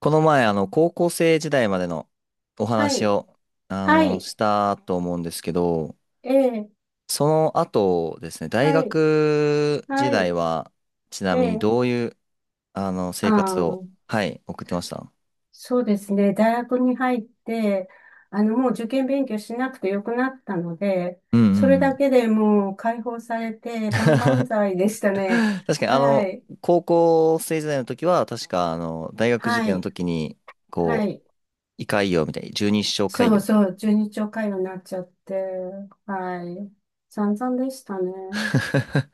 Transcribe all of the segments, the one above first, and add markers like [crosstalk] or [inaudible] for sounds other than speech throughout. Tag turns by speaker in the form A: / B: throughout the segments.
A: この前、高校生時代までのお
B: は
A: 話
B: い、
A: を、
B: はい、
A: したと思うんですけど、
B: ええ、
A: その後ですね、大
B: はい、
A: 学時
B: は
A: 代
B: い、
A: は、ちな
B: え
A: みに
B: え、
A: どういう、
B: あ
A: 生
B: あ、
A: 活を、はい、送ってました。
B: そうですね。大学に入って、もう受験勉強しなくてよくなったので、
A: うんうん
B: それ
A: う
B: だ
A: ん。
B: けでもう解放され
A: [laughs]
B: て、万々
A: 確
B: 歳でしたね。
A: かに、
B: はい、
A: 高校生時代の時は、確か、大学受
B: は
A: 験の
B: い、
A: 時に、
B: は
A: こ
B: い。
A: う、胃潰瘍みたいに、十二指腸潰
B: そう
A: 瘍か。
B: そう、十二兆回路になっちゃって、はい。散々でしたね。
A: [laughs]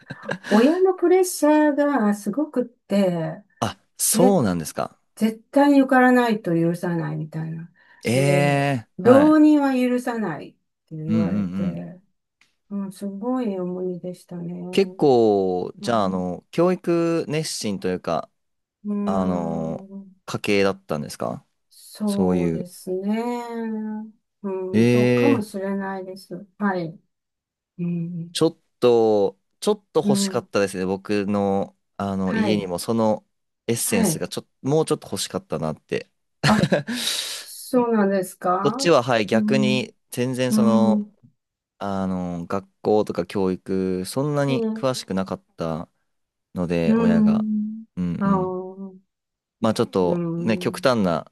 B: 親のプレッシャーがすごくって、
A: あ、
B: ぜ、
A: そうなんですか。
B: 絶対に受からないと許さないみたいな。
A: え
B: で、
A: え、は
B: 浪
A: い。
B: 人は許さないって
A: うん
B: 言
A: うん
B: わ
A: う
B: れ
A: ん。
B: て、うん、すごい重荷でしたね。
A: 結構、じ
B: ま
A: ゃ
B: あ、
A: あ、
B: う
A: 教育熱心というか、
B: ー
A: あの、
B: ん、
A: 家系だったんですか、そう
B: そう
A: い
B: で
A: う。
B: すね。うん、そうかも
A: ええ、
B: しれないです。はい。うん、
A: ちょっと、ちょっと
B: う
A: 欲しか
B: ん、
A: ったですね。僕の、
B: は
A: 家に
B: い、
A: もそのエッセン
B: は
A: ス
B: い。
A: がちょっと、もうちょっと欲しかったなって。
B: あ、
A: [laughs]
B: そうなんです
A: こ
B: か？
A: っちは、はい、
B: う
A: 逆
B: ん、
A: に、全然
B: う
A: そ
B: ん、
A: の、
B: う
A: 学校とか教育、そんなに
B: ん、
A: 詳しくなかったの
B: う
A: で、親が。うん
B: ん、
A: う
B: あ
A: ん。
B: あ、
A: まあちょっ
B: う
A: とね、極
B: ん。
A: 端な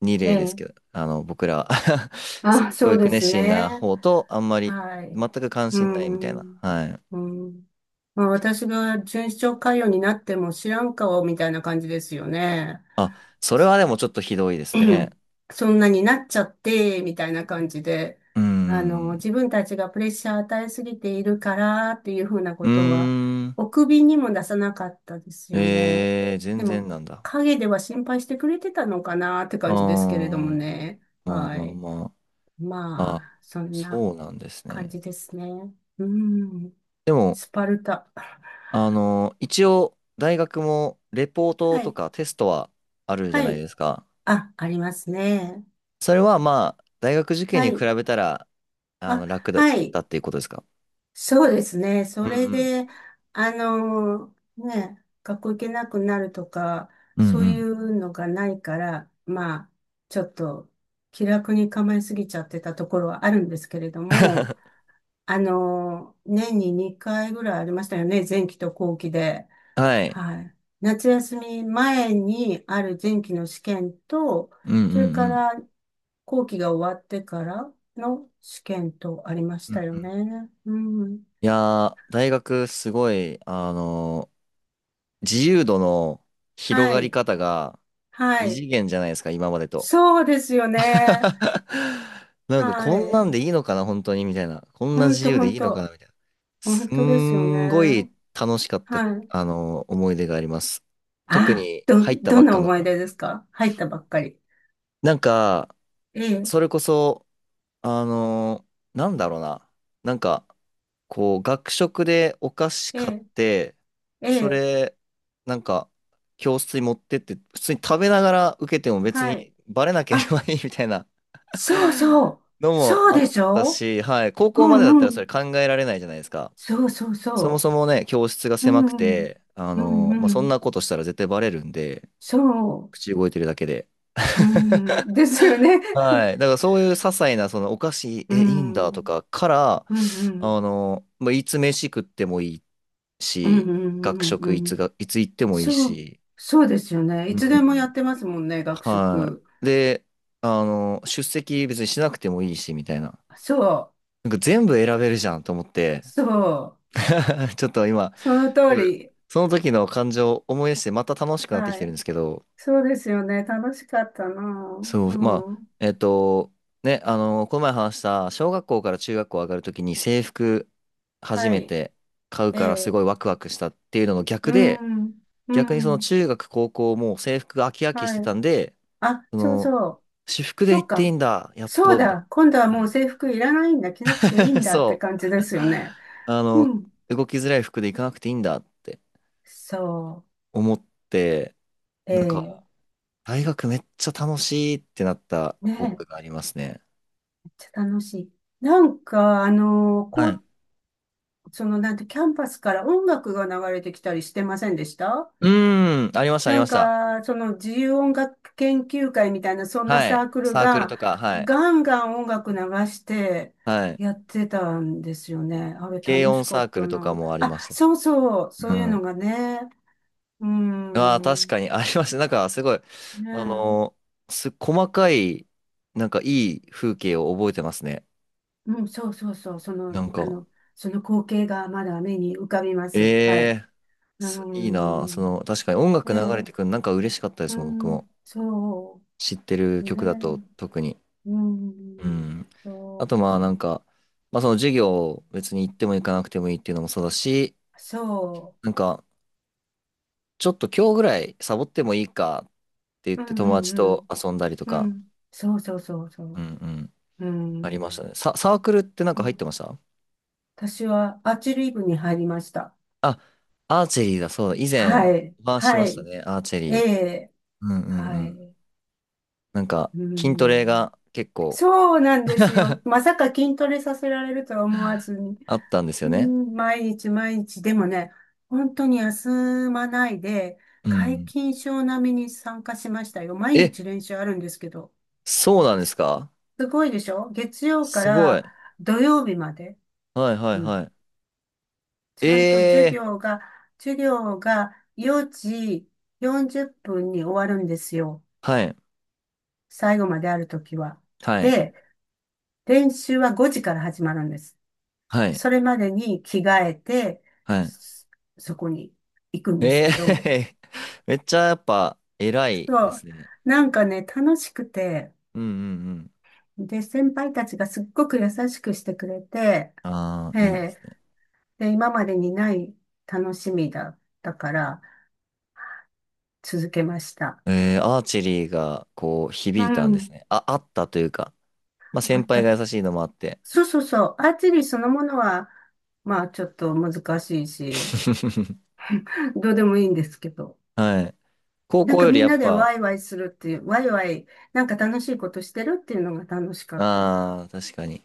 A: 二
B: え
A: 例ですけ
B: え。
A: ど、僕らは [laughs] すご
B: あ、
A: い
B: そ
A: 教
B: う
A: 育
B: で
A: 熱
B: す
A: 心
B: ね。
A: な方と、あんまり、
B: はい。
A: 全く関
B: う
A: 心ないみたいな。
B: ん。
A: はい。
B: うん。まあ、私が巡視長官僚になっても知らん顔みたいな感じですよね。
A: あ、それはでもちょっとひどいですね。
B: [clears throat] そんなになっちゃって、みたいな感じで。
A: うーん。
B: 自分たちがプレッシャー与えすぎているからっていうふうな
A: う
B: ことは、
A: ーん。
B: お首にも出さなかったですよね。
A: えー、
B: で
A: 全
B: も、
A: 然なんだ。
B: 陰では心配してくれてたのかなって
A: あ
B: 感じですけれど
A: ー、
B: もね。
A: まあ
B: は
A: まあ
B: い。
A: まあ。
B: ま
A: あ、
B: あ、そんな。
A: そうなんです
B: 感
A: ね。
B: じですね。うん。
A: でも、
B: スパルタ。
A: 一応、大学も、レポート
B: は
A: と
B: い。
A: かテストはあるじゃ
B: は
A: ない
B: い。
A: ですか。
B: あ、ありますね。
A: それはまあ、大学受験
B: は
A: に比
B: い。
A: べたら、
B: あ、
A: 楽だっ
B: はい。
A: たっていうことですか。
B: そうですね。
A: う
B: そ
A: ん
B: れ
A: うん。
B: で、ね、学校行けなくなるとか、
A: うんう
B: そうい
A: ん。
B: うのがないから、まあ、ちょっと気楽に構えすぎちゃってたところはあるんですけれども、年に2回ぐらいありましたよね。前期と後期で。
A: はい。
B: はい。夏休み前にある前期の試験と、
A: うんうんう
B: それか
A: ん。
B: ら後期が終わってからの試験とありまし
A: うん
B: たよ
A: うん、
B: ね。うん。
A: いやー、大学すごい、自由度の広
B: は
A: がり
B: い。
A: 方が
B: は
A: 異
B: い。
A: 次元じゃないですか、今までと。
B: そうですよね。
A: [laughs] なんか
B: は
A: こんな
B: い。
A: んでいいのかな、本当に、みたいな。こん
B: ほ
A: な
B: ん
A: 自
B: と
A: 由
B: ほ
A: でい
B: ん
A: いのかな、
B: と。
A: みたいな。
B: ほん
A: す
B: とですよね。
A: んごい楽しかった、
B: はい。
A: 思い出があります。特
B: あ、
A: に入った
B: ど
A: ば
B: ん
A: っ
B: な
A: かの
B: 思い
A: 頃。
B: 出ですか？入ったばっかり。
A: なんか、
B: ええ、
A: それこそ、あのーなんだろうな。なんか、こう、学食でお菓子
B: え
A: 買っ
B: え、
A: て、
B: え
A: そ
B: え、
A: れ、なんか、教室に持ってって、普通に食べながら受けても別
B: はい。
A: にバレなけれ
B: あ、
A: ばいいみたいな
B: そう
A: [laughs]
B: そう。
A: のも
B: そう
A: あっ
B: でし
A: た
B: ょ？
A: し、はい、高
B: う
A: 校までだっ
B: ん
A: た
B: う
A: らそ
B: ん。
A: れ考えられないじゃないですか。
B: そうそう
A: そも
B: そ
A: そもね、教室が
B: う。う
A: 狭く
B: ん。
A: て、
B: う
A: まあ、
B: んう
A: そん
B: ん。
A: なことしたら絶対バレるんで、
B: そう。
A: 口動いてるだけで。
B: うん。ですよね。
A: はい。
B: [laughs]
A: だからそういう些細な、そのお菓子、
B: う
A: え、いいんだと
B: ん。
A: かから、
B: うんうん。
A: まあ、いつ飯食ってもいい
B: うんう
A: し、
B: ん
A: 学
B: う
A: 食い
B: んう
A: つ
B: ん。
A: が、いつ行ってもいい
B: そう。
A: し、
B: そうですよね。い
A: う
B: つでもや
A: ん。
B: ってますもんね、学
A: は
B: 食。
A: い。で、出席別にしなくてもいいし、みたいな。
B: そう。
A: なんか全部選べるじゃんと思って、
B: そう。
A: [laughs] ちょっと今、
B: その
A: す
B: 通
A: ごい
B: り。
A: その時の感情を思い出して、また楽しくなってき
B: は
A: てるん
B: い。
A: ですけど、
B: そうですよね。楽しかったな。
A: そう、ま
B: う
A: あ、
B: ん。
A: ね、この前話した、小学校から中学校上がるときに制服初
B: は
A: め
B: い。
A: て買う
B: え
A: からす
B: え。
A: ごいワクワクしたっていうのの逆
B: う
A: で、
B: ん。う
A: 逆にその
B: ん。
A: 中学高校も制服が飽き飽きし
B: は
A: て
B: い。
A: たんで、
B: あ、
A: そ
B: そう
A: の、
B: そう。
A: 私服で
B: そ
A: 行
B: っ
A: っていい
B: か。
A: んだ、やっ
B: そう
A: と、みたい
B: だ。今度は
A: な。
B: も
A: は
B: う制服いらないんだ。着なくていい
A: い [laughs]
B: んだって
A: そ
B: 感じですよね。
A: う。
B: うん。
A: 動きづらい服で行かなくていいんだって
B: そ
A: 思って、
B: う。
A: なんか、
B: ええ。
A: 大学めっちゃ楽しいってなった
B: ねえ。
A: 覚
B: め
A: えがありますね。
B: っちゃ楽しい。なんか、
A: は
B: こ
A: い。
B: う、その、なんて、キャンパスから音楽が流れてきたりしてませんでした？
A: うーん、ありました、あり
B: な
A: ま
B: ん
A: した。
B: か、その自由音楽研究会みたいな、そんな
A: は
B: サ
A: い。
B: ークル
A: サークル
B: が、
A: とか、はい。
B: ガンガン音楽流して、
A: はい。
B: やってたんですよね。あれ
A: 軽
B: 楽し
A: 音
B: か
A: サ
B: っ
A: ーク
B: た
A: ルとか
B: な。
A: もありま
B: あ、
A: し
B: そうそう、そ
A: た。う
B: ういうの
A: ん。
B: がね。うー
A: ああ、確
B: ん。
A: かにありました。なんか、すごい、
B: ね
A: あ
B: え。
A: のーす、細かい、なんかいい風景を覚えてますね。
B: うん、そうそうそう。そ
A: な
B: の、
A: ん
B: あ
A: か、
B: の、その光景がまだ目に浮かびま
A: え
B: す。はい。
A: え、
B: うー
A: すいいなあそ
B: ん。
A: の、確かに音
B: え
A: 楽流れて
B: え、
A: くるのなんか嬉しかったで
B: う
A: すもん、僕
B: ん、
A: も。
B: そ
A: 知ってる
B: う。ね
A: 曲だと特に。
B: え。う
A: う
B: ん。
A: ん。
B: そ
A: あ
B: う
A: と
B: で
A: まあ
B: す。
A: なんか、まあその授業別に行っても行かなくてもいいっていうのもそうだし、
B: そ
A: なんか、ちょっと今日ぐらいサボってもいいかって言っ
B: う。う
A: て
B: んう
A: 友達と
B: ん
A: 遊んだりと
B: うん。う
A: か、
B: ん。そうそうそうそ
A: うん
B: う。
A: うん、
B: う
A: ありまし
B: ん。
A: たね。サークルってなん
B: う
A: か入っ
B: ん。
A: てました
B: 私はアーチェリー部に入りました。
A: あ、アーチェリーだ、そうだ。以前、
B: はい。
A: お話しし
B: は
A: ました
B: い。
A: ね、アーチェ
B: え
A: リー。
B: え。
A: うんうんう
B: は
A: ん。
B: い。
A: なんか、
B: う
A: 筋トレ
B: ん。
A: が結構
B: そうなんですよ。
A: [laughs]
B: まさか筋トレさせられるとは思わずに。
A: あったんです
B: う
A: よね。
B: ん、毎日毎日。でもね、本当に休まないで、
A: う
B: 皆
A: ん。
B: 勤賞並みに参加しましたよ。毎
A: え、
B: 日練習あるんですけど。
A: そうなんですか。
B: すごいでしょ？月曜か
A: すごい。
B: ら土曜日まで。
A: はいはい
B: う
A: は
B: ん。
A: い。
B: ちゃんと授
A: え
B: 業が、授業が4時40分に終わるんですよ。
A: ー、はい、
B: 最後まであるときは。
A: はい、
B: で、練習は5時から始まるんです。
A: はい、
B: それまでに着替えて、
A: はい。
B: そそこに行くんです
A: え
B: けど、
A: ー、[laughs] めっちゃやっぱ偉い
B: そ
A: で
B: う、
A: すね。
B: なんかね、楽しくて、
A: うんうん
B: で、先輩たちがすっごく優しくしてくれて、
A: うん。ああ、
B: え
A: いいで
B: え。
A: すね。
B: で、今までにない楽しみだったから続けました。
A: えー、アーチェリーがこう
B: う
A: 響いたんです
B: ん。
A: ね。あ、あったというか、まあ
B: あ
A: 先
B: っ
A: 輩
B: た。
A: が優しいのもあって。
B: そうそうそう。アーチェリーそのものは、まあちょっと難しいし、
A: [laughs]
B: どうでもいいんですけど。
A: はい。高
B: なん
A: 校
B: か
A: より
B: みん
A: や
B: な
A: っ
B: で
A: ぱ、
B: ワイワイするっていう、ワイワイ、なんか楽しいことしてるっていうのが楽しかった。う
A: ああ、確かに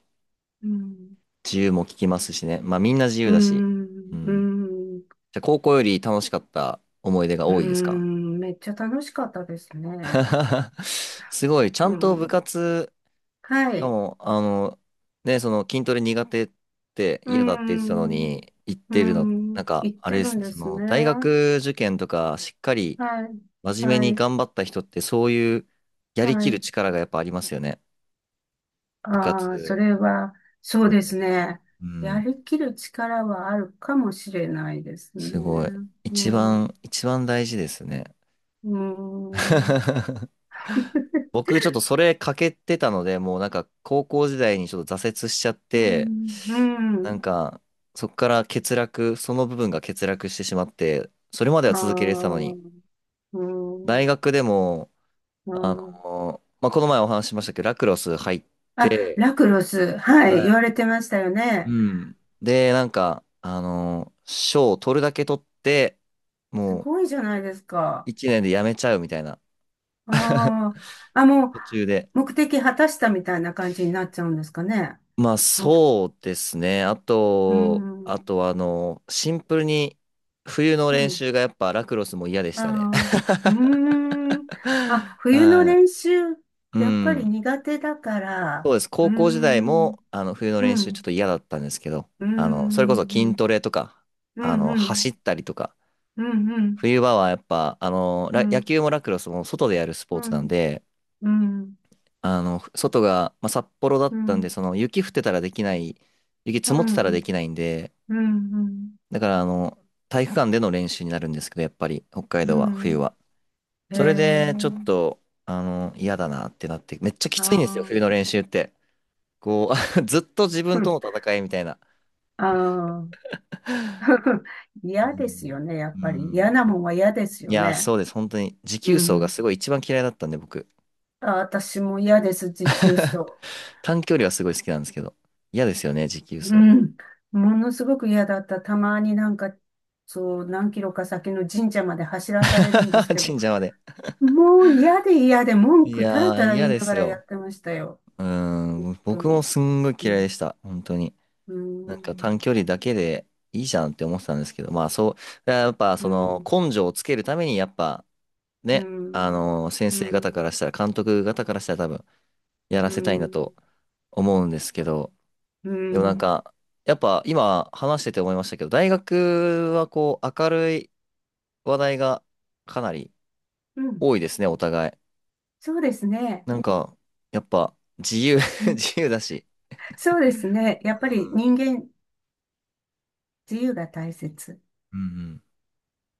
B: ん。
A: 自由も聞きますしね。まあみんな自
B: う
A: 由
B: ー
A: だし。う
B: ん、うー
A: ん。
B: ん、う
A: じゃあ高校より楽しかった思い出が
B: ー
A: 多いですか。
B: ん、めっちゃ楽しかったですね。
A: [laughs] すごい、ちゃ
B: う
A: んと部
B: ん。
A: 活、
B: は
A: しか
B: い。
A: も、ね、その筋トレ苦手って
B: うー
A: 嫌だって言ってたの
B: ん、う
A: に、言っ
B: ー
A: てるの、な
B: ん、
A: んか、
B: 行っ
A: あ
B: て
A: れで
B: る
A: す
B: ん
A: ね、
B: で
A: そ
B: す
A: の、
B: ね。
A: 大学受験とか、しっかり
B: はい、
A: 真面目に
B: はい、
A: 頑張った人って、そういう、やり
B: は
A: きる
B: い。
A: 力がやっぱありますよね。部
B: ああ、そ
A: 活、
B: れは、
A: ち
B: そう
A: ゃん
B: で
A: とやっ
B: す
A: たり。
B: ね。
A: う
B: や
A: ん、
B: りきる力はあるかもしれないですね。
A: すごい。
B: う
A: 一
B: ん、う
A: 番、一番大事ですね。
B: ーん。
A: [laughs] 僕ちょっとそれ欠けてたので、もうなんか高校時代にちょっと挫折しちゃっ
B: う
A: て、
B: ん、う
A: なん
B: ん、
A: かそこから欠落、その部分が欠落してしまって、それまで
B: あ
A: は続けられてたの
B: ー、
A: に、
B: う
A: 大
B: ん、
A: 学でも、
B: うん。
A: まあ、この前お話ししましたけど、ラクロス入っ
B: あ、
A: て、
B: ラクロス、はい、
A: は
B: 言われてましたよ
A: い。う
B: ね。
A: ん。で、なんか、賞を取るだけ取って、
B: す
A: もう
B: ごいじゃないですか。
A: 一年で辞めちゃうみたいな、
B: ああ、あ、もう、
A: 途中で。
B: 目的果たしたみたいな感じになっちゃうんですかね。
A: まあ
B: う
A: そうですね。あ
B: ー
A: と、あ
B: ん、
A: とはあの、シンプルに冬の
B: う
A: 練
B: ん、
A: 習がやっぱラクロスも嫌でし
B: あ
A: たね。
B: ー、うーん。あ、
A: [laughs]
B: 冬の
A: は
B: 練習、
A: い。う
B: やっぱり
A: ん。
B: 苦手だか
A: そう
B: ら、
A: です。
B: うー
A: 高校時代
B: ん、
A: もあの冬の
B: う
A: 練習ちょっ
B: ん、
A: と嫌だったんですけど、
B: うー
A: それこ
B: ん、
A: そ
B: う
A: 筋ト
B: ん、
A: レとか、
B: うん、うん、
A: 走ったりとか、
B: うん、
A: 冬場はやっぱ、
B: う
A: ラ野
B: ん。
A: 球もラクロスも外でやるス
B: う
A: ポーツなん
B: ん、
A: で、
B: うん、
A: 外が、まあ、札幌だ
B: う
A: ったん
B: ん、
A: で、その雪降ってたらできない、雪
B: う
A: 積もってたら
B: ん、う
A: で
B: ん、
A: きないんで、
B: うん、
A: だからあの、体育館での練習になるんですけど、やっぱり北海
B: う
A: 道は冬
B: ん。
A: は。
B: へ
A: それ
B: え、
A: でちょっと、嫌だなってなって、めっちゃきつ
B: あ
A: いんですよ、冬の練習って。こう、[laughs] ずっと自分との戦いみたいな。
B: あ、ああ、
A: う
B: 嫌です
A: ん。
B: よね、や
A: う
B: っぱり。
A: ん、
B: 嫌なもんは嫌です
A: い
B: よ
A: や、
B: ね。
A: そうです。本当に。持
B: う
A: 久走が
B: ん。
A: すごい一番嫌いだったんで、僕。
B: あ、私も嫌です、持久走。
A: 短距離はすごい好きなんですけど。嫌ですよね、持久
B: う
A: 走。
B: ん。ものすごく嫌だった。たまになんか、そう、何キロか先の神社まで走らされるんです
A: [laughs]
B: けど、
A: 神社まで。
B: もう嫌で嫌で文
A: い
B: 句たら
A: や
B: た
A: ー、
B: ら
A: 嫌
B: 言い
A: で
B: なが
A: す
B: らや
A: よ。
B: ってましたよ。
A: う
B: 本
A: ん。
B: 当
A: 僕も
B: に。
A: すんごい
B: う
A: 嫌い
B: ん。
A: でした。本当に。
B: うー
A: なんか短
B: ん、
A: 距離だけでいいじゃんって思ってたんですけど、まあそう、やっぱ
B: うー
A: その
B: ん、
A: 根性をつけるためにやっぱ
B: うー
A: ね、
B: ん、
A: 先
B: うー
A: 生方か
B: ん、
A: らしたら、監督方からしたら多分や
B: う
A: ら
B: ー
A: せたいんだと
B: ん、
A: 思うんですけど、
B: うー
A: でもなん
B: ん、
A: か、やっぱ今話してて思いましたけど、大学はこう明るい話題がかなり
B: うん。
A: 多いですね、お互い。
B: そうですね。
A: なんか、やっぱ自由
B: う
A: [laughs]
B: ん。
A: 自由だし。
B: そうですね。やっぱり人間、自由が大切。
A: うんうん